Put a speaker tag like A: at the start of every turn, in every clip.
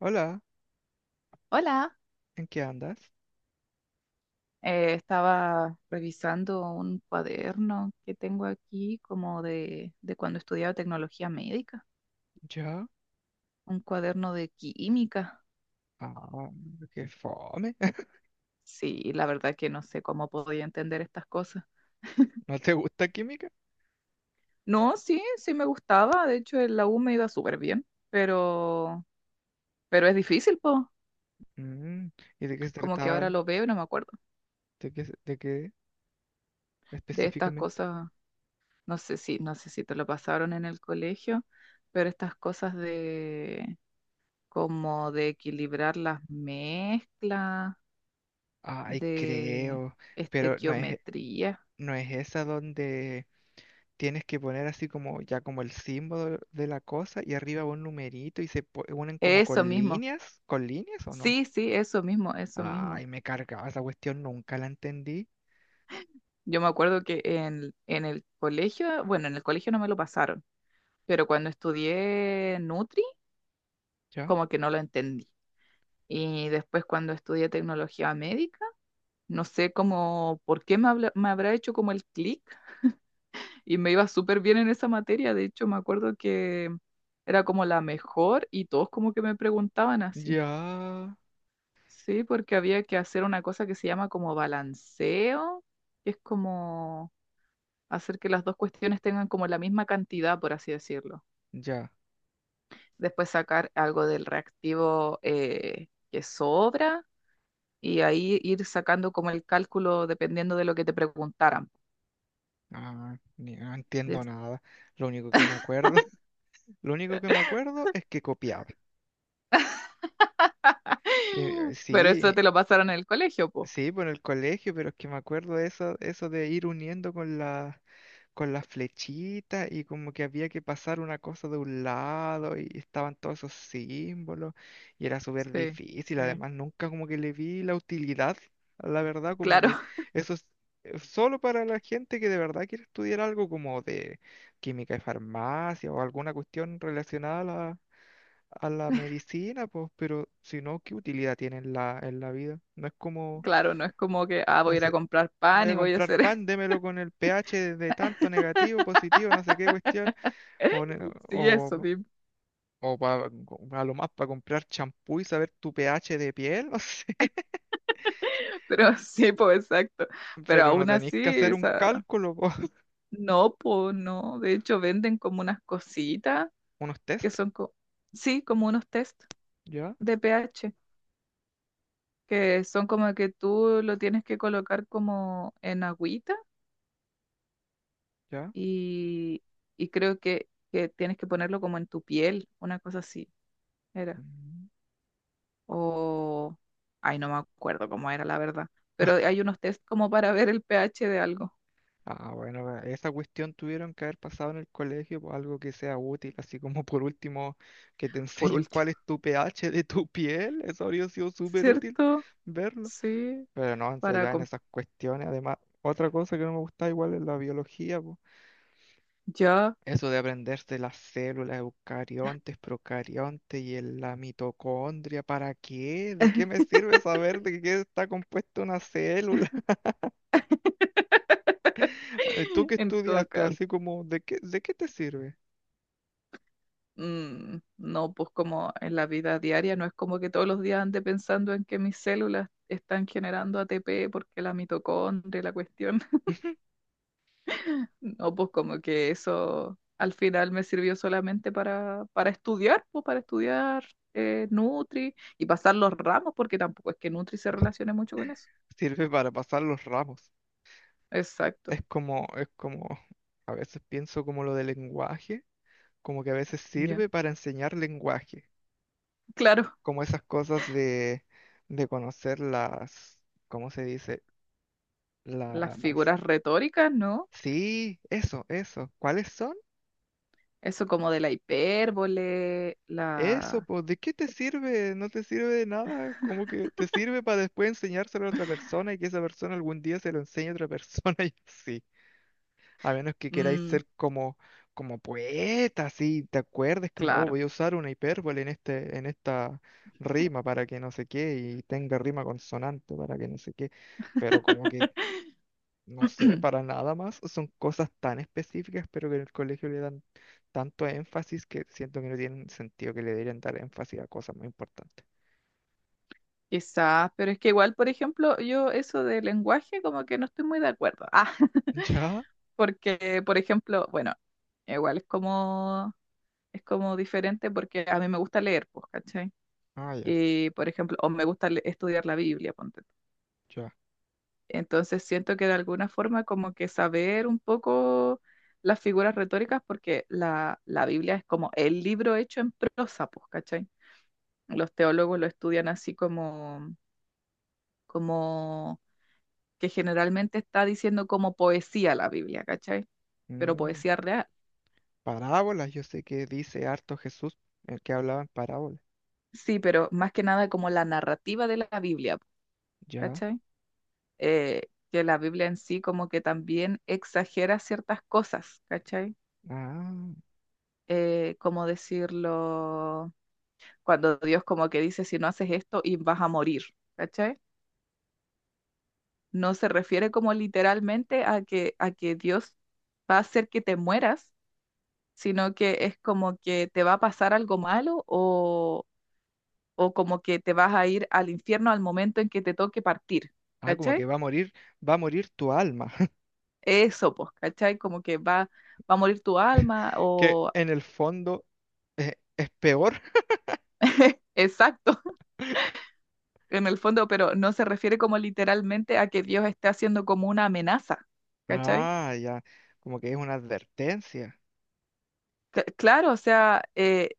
A: Hola,
B: Hola,
A: ¿en qué andas?
B: estaba revisando un cuaderno que tengo aquí como de cuando estudiaba tecnología médica,
A: ¿Yo?
B: un cuaderno de química.
A: Ah, qué fome.
B: Sí, la verdad que no sé cómo podía entender estas cosas.
A: ¿No te gusta química?
B: No, sí, sí me gustaba, de hecho en la U me iba súper bien, pero es difícil, po.
A: Mm, ¿y de qué se
B: Como que
A: trataba?
B: ahora lo veo y no me acuerdo
A: ¿De qué, de qué
B: de estas
A: específicamente?
B: cosas, no sé si te lo pasaron en el colegio, pero estas cosas como de equilibrar las mezclas,
A: Ay,
B: de
A: creo, pero
B: estequiometría.
A: no es esa donde tienes que poner así como ya como el símbolo de la cosa y arriba un numerito y se unen como
B: Eso mismo.
A: ¿con líneas o no?
B: Sí, sí, eso mismo, eso mismo.
A: Ay, me cargaba esa cuestión, nunca la entendí.
B: Yo me acuerdo que en el colegio, bueno, en el colegio no me lo pasaron, pero cuando estudié Nutri,
A: ¿Ya?
B: como que no lo entendí. Y después cuando estudié tecnología médica, no sé cómo, por qué me habrá hecho como el clic y me iba súper bien en esa materia. De hecho, me acuerdo que era como la mejor y todos como que me preguntaban así.
A: Ya,
B: Sí, porque había que hacer una cosa que se llama como balanceo, que es como hacer que las dos cuestiones tengan como la misma cantidad, por así decirlo.
A: ya.
B: Después sacar algo del reactivo que sobra y ahí ir sacando como el cálculo dependiendo de lo que te preguntaran.
A: Ah, no entiendo
B: Des-
A: nada. Lo único que me acuerdo, lo único que me acuerdo es que copiaba. Eh,
B: Pero eso
A: sí,
B: te lo pasaron en el colegio, po.
A: Sí, por el colegio, pero es que me acuerdo de eso, eso de ir uniendo con con las flechitas y como que había que pasar una cosa de un lado y estaban todos esos símbolos y era súper
B: Sí,
A: difícil.
B: sí.
A: Además, nunca como que le vi la utilidad, la verdad, como
B: Claro.
A: que eso es solo para la gente que de verdad quiere estudiar algo como de química y farmacia o alguna cuestión relacionada a a la medicina, pues, pero si no, ¿qué utilidad tiene en en la vida? No es como...
B: Claro, no es como que, ah, voy a ir a comprar
A: Voy
B: pan
A: a
B: y voy a
A: comprar
B: hacer,
A: pan, démelo con el pH de tanto negativo, positivo, no sé qué cuestión. O, ne-
B: sí, eso,
A: o,
B: sí,
A: o pa- A lo más para comprar champú y saber tu pH de piel, no sé.
B: pero sí, pues exacto. Pero
A: Pero no
B: aún
A: tenéis
B: así,
A: que hacer un
B: esa,
A: cálculo, po.
B: no, pues no. De hecho, venden como unas cositas
A: Unos
B: que
A: test.
B: son, sí, como unos test
A: ¿Ya?
B: de pH, que son como que tú lo tienes que colocar como en agüita
A: ¿Ya?
B: y, y creo que tienes que ponerlo como en tu piel, una cosa así, era.
A: Mm.
B: O... Ay, no me acuerdo cómo era la verdad, pero hay unos test como para ver el pH de algo,
A: Ah, bueno, va, esa cuestión tuvieron que haber pasado en el colegio, po, algo que sea útil, así como por último que te
B: por
A: enseñen cuál
B: último.
A: es tu pH de tu piel, eso habría sido súper útil
B: ¿Cierto?
A: verlo.
B: Sí,
A: Pero no, entonces
B: para...
A: ya en
B: com-
A: esas cuestiones, además, otra cosa que no me gusta igual es la biología, po.
B: Ya.
A: Eso de aprenderse las células eucariontes, procariontes y la mitocondria, ¿para qué? ¿De qué me sirve saber de qué está compuesta una célula? Tú que
B: En todo
A: estudiaste
B: caso,
A: así como, de qué te sirve?
B: no, pues como en la vida diaria, no es como que todos los días ande pensando en que mis células están generando ATP porque la mitocondria, y la cuestión. No, pues como que eso al final me sirvió solamente para estudiar, pues para estudiar Nutri y pasar los ramos, porque tampoco es que Nutri se relacione mucho con eso.
A: Sirve para pasar los ramos.
B: Exacto,
A: Es como, a veces pienso como lo del lenguaje, como que a veces
B: ya.
A: sirve para enseñar lenguaje
B: Claro,
A: como esas cosas de conocer las, ¿cómo se dice?
B: las
A: Las...
B: figuras retóricas, ¿no?
A: Sí, eso, eso. ¿Cuáles son?
B: Eso como de la hipérbole,
A: Eso,
B: la...
A: pues, ¿de qué te sirve? No te sirve de nada. Como que te sirve para después enseñárselo a otra persona y que esa persona algún día se lo enseñe a otra persona y así. A menos que queráis
B: mm,
A: ser como, como poeta, así, te acuerdes, como, oh,
B: claro.
A: voy a usar una hipérbole en en esta rima para que no sé qué y tenga rima consonante para que no sé qué pero como que no sé, para nada más. Son cosas tan específicas, pero que en el colegio le dan tanto énfasis que siento que no tienen sentido que le deberían dar énfasis a cosas muy importantes.
B: Quizás, pero es que igual, por ejemplo, yo eso de lenguaje como que no estoy muy de acuerdo. Ah,
A: ¿Ya?
B: porque, por ejemplo, bueno, igual es como diferente porque a mí me gusta leer, pues, ¿cachai?
A: Ah, ya,
B: Y, por ejemplo, o me gusta estudiar la Biblia, ponte. Tú.
A: ya.
B: Entonces siento que de alguna forma como que saber un poco las figuras retóricas porque la Biblia es como el libro hecho en prosa, pues, ¿cachai? Los teólogos lo estudian así como... como que generalmente está diciendo como poesía la Biblia, ¿cachai? Pero
A: Mm,
B: poesía real.
A: parábolas, yo sé que dice harto Jesús, el que hablaba en parábolas.
B: Sí, pero más que nada como la narrativa de la Biblia,
A: Ya.
B: ¿cachai? Que la Biblia en sí como que también exagera ciertas cosas, ¿cachai?
A: Ah.
B: Como decirlo, cuando Dios como que dice, si no haces esto y vas a morir, ¿cachai? No se refiere como literalmente a que Dios va a hacer que te mueras, sino que es como que te va a pasar algo malo o como que te vas a ir al infierno al momento en que te toque partir,
A: Ah, como que
B: ¿cachai?
A: va a morir tu alma,
B: Eso, pues, ¿cachai? Como que va, va a morir tu alma
A: que
B: o...
A: en el fondo es peor.
B: Exacto, en el fondo, pero no se refiere como literalmente a que Dios esté haciendo como una amenaza, ¿cachai?
A: Ah, ya. Como que es una advertencia.
B: Claro, o sea,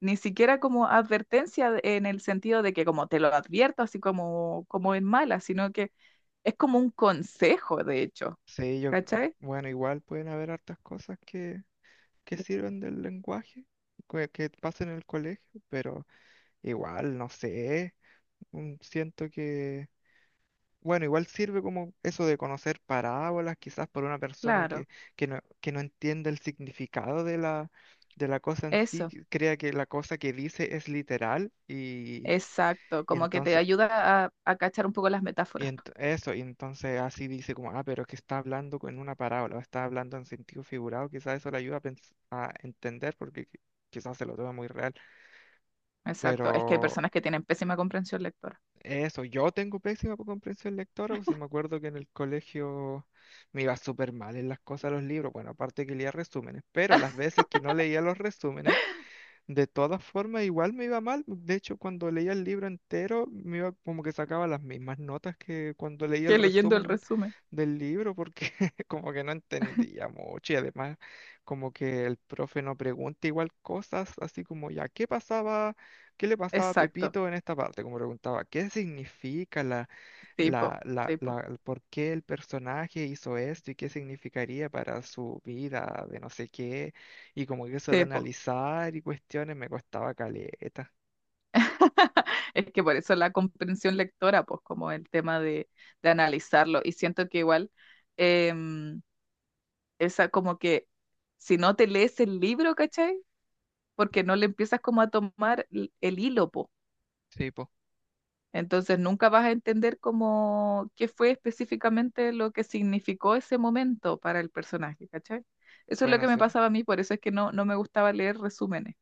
B: ni siquiera como advertencia en el sentido de que como te lo advierto, así como, como en mala, sino que es como un consejo, de hecho,
A: Sí, yo,
B: ¿cachai?
A: mm, bueno, igual pueden haber hartas cosas que sirven del lenguaje que pasa en el colegio, pero igual, no sé, mm, siento que, bueno, igual sirve como eso de conocer parábolas, quizás por una persona
B: Claro,
A: que no entiende el significado de de la cosa en sí,
B: eso.
A: que crea que la cosa que dice es literal
B: Exacto,
A: y
B: como que te
A: entonces...
B: ayuda a cachar un poco las
A: Y
B: metáforas.
A: eso, y entonces así dice como, ah, pero es que está hablando con una parábola, o está hablando en sentido figurado, quizás eso le ayuda a, a entender porque quizás se lo toma muy real. Pero
B: Exacto, es que hay personas que tienen pésima comprensión lectora.
A: eso, yo tengo pésima comprensión lectora, pues si me acuerdo que en el colegio me iba súper mal en las cosas de los libros. Bueno, aparte que leía resúmenes, pero las veces que no leía los resúmenes, de todas formas, igual me iba mal. De hecho, cuando leía el libro entero, me iba como que sacaba las mismas notas que cuando leía el
B: Que leyendo el
A: resumen
B: resumen.
A: del libro, porque como que no entendía mucho y además como que el profe no pregunta igual cosas, así como ya, ¿qué pasaba? ¿Qué le pasaba a
B: Exacto,
A: Pepito en esta parte? Como preguntaba, ¿qué significa
B: tipo, tipo,
A: por qué el personaje hizo esto y qué significaría para su vida de no sé qué, y como que eso de
B: tipo.
A: analizar y cuestiones me costaba caleta.
B: Es que por eso la comprensión lectora, pues como el tema de analizarlo. Y siento que igual, em, esa como que si no te lees el libro, ¿cachai? Porque no le empiezas como a tomar el hilo, pues.
A: Sí, pues,
B: Entonces nunca vas a entender cómo qué fue específicamente lo que significó ese momento para el personaje, ¿cachai? Eso es lo
A: bueno,
B: que me
A: sí, po.
B: pasaba a mí, por eso es que no me gustaba leer resúmenes.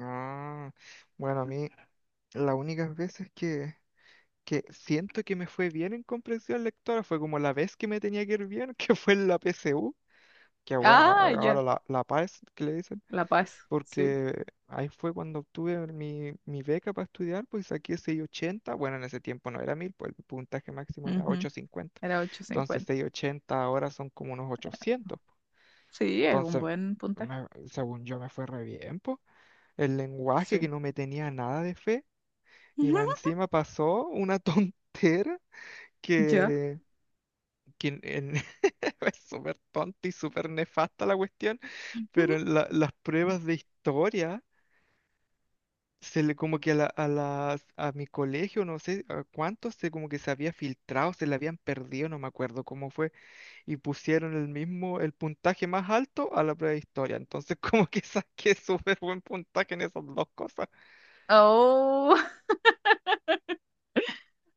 A: Ah, bueno, a mí las únicas veces que siento que me fue bien en comprensión lectora fue como la vez que me tenía que ir bien, que fue en la PSU, que bueno,
B: Ah, ya,
A: ahora la PAES que le dicen.
B: la Paz, sí.
A: Porque ahí fue cuando obtuve mi beca para estudiar, pues saqué 680, bueno, en ese tiempo no era 1000 pues el puntaje máximo era
B: Ujú,
A: 850,
B: era
A: entonces
B: 850.
A: 680 ahora son como unos 800,
B: Sí, es un
A: entonces
B: buen puntaje.
A: según yo me fue re bien, po. El lenguaje que
B: Sí.
A: no me tenía nada de fe, y más encima pasó una tontera
B: Ya.
A: que... que en- es súper tonta y súper nefasta la cuestión, pero en las pruebas de historia se le como que a a las a mi colegio, no sé a cuántos, se como que se había filtrado, se le habían perdido, no me acuerdo cómo fue, y pusieron el mismo, el puntaje más alto a la prueba de historia. Entonces como que saqué súper buen puntaje en esas dos cosas.
B: Oh,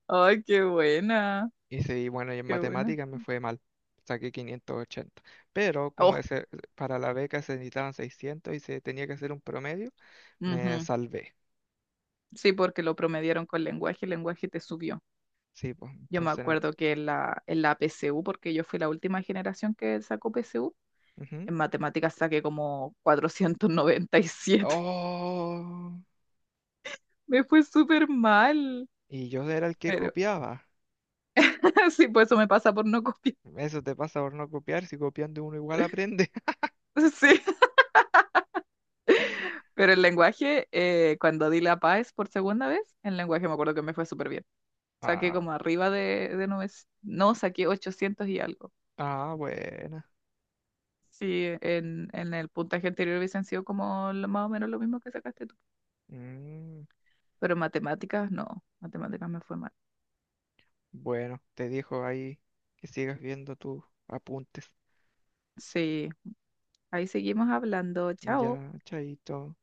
B: ay, qué buena,
A: Y sí, bueno, y en
B: qué buena.
A: matemáticas me fue mal. Saqué 580. Pero como
B: Oh,
A: ese, para la beca se necesitaban 600 y se tenía que hacer un promedio, me
B: ujú,
A: salvé.
B: sí, porque lo promediaron con lenguaje, el lenguaje te subió.
A: Sí, pues
B: Yo me
A: entonces... no-
B: acuerdo que en la PSU, porque yo fui la última generación que sacó PSU,
A: ujú.
B: en matemáticas saqué como 497.
A: Oh,
B: Me fue súper mal.
A: y yo era el que
B: Pero
A: copiaba.
B: sí, pues eso me pasa por no copiar.
A: Eso te pasa por no copiar, si copiando uno igual aprende.
B: Sí, pero el lenguaje, cuando di la PAES por segunda vez, en lenguaje me acuerdo que me fue súper bien. Saqué
A: Ah,
B: como arriba no, saqué 800 y algo.
A: buena.
B: Sí, en el puntaje anterior hubiesen sido como más o menos lo mismo que sacaste tú.
A: Mm,
B: Pero en matemáticas, no, matemáticas me fue mal.
A: bueno, te dijo ahí que sigas viendo tus apuntes.
B: Sí, ahí seguimos hablando. Chao.
A: Ya, chaito.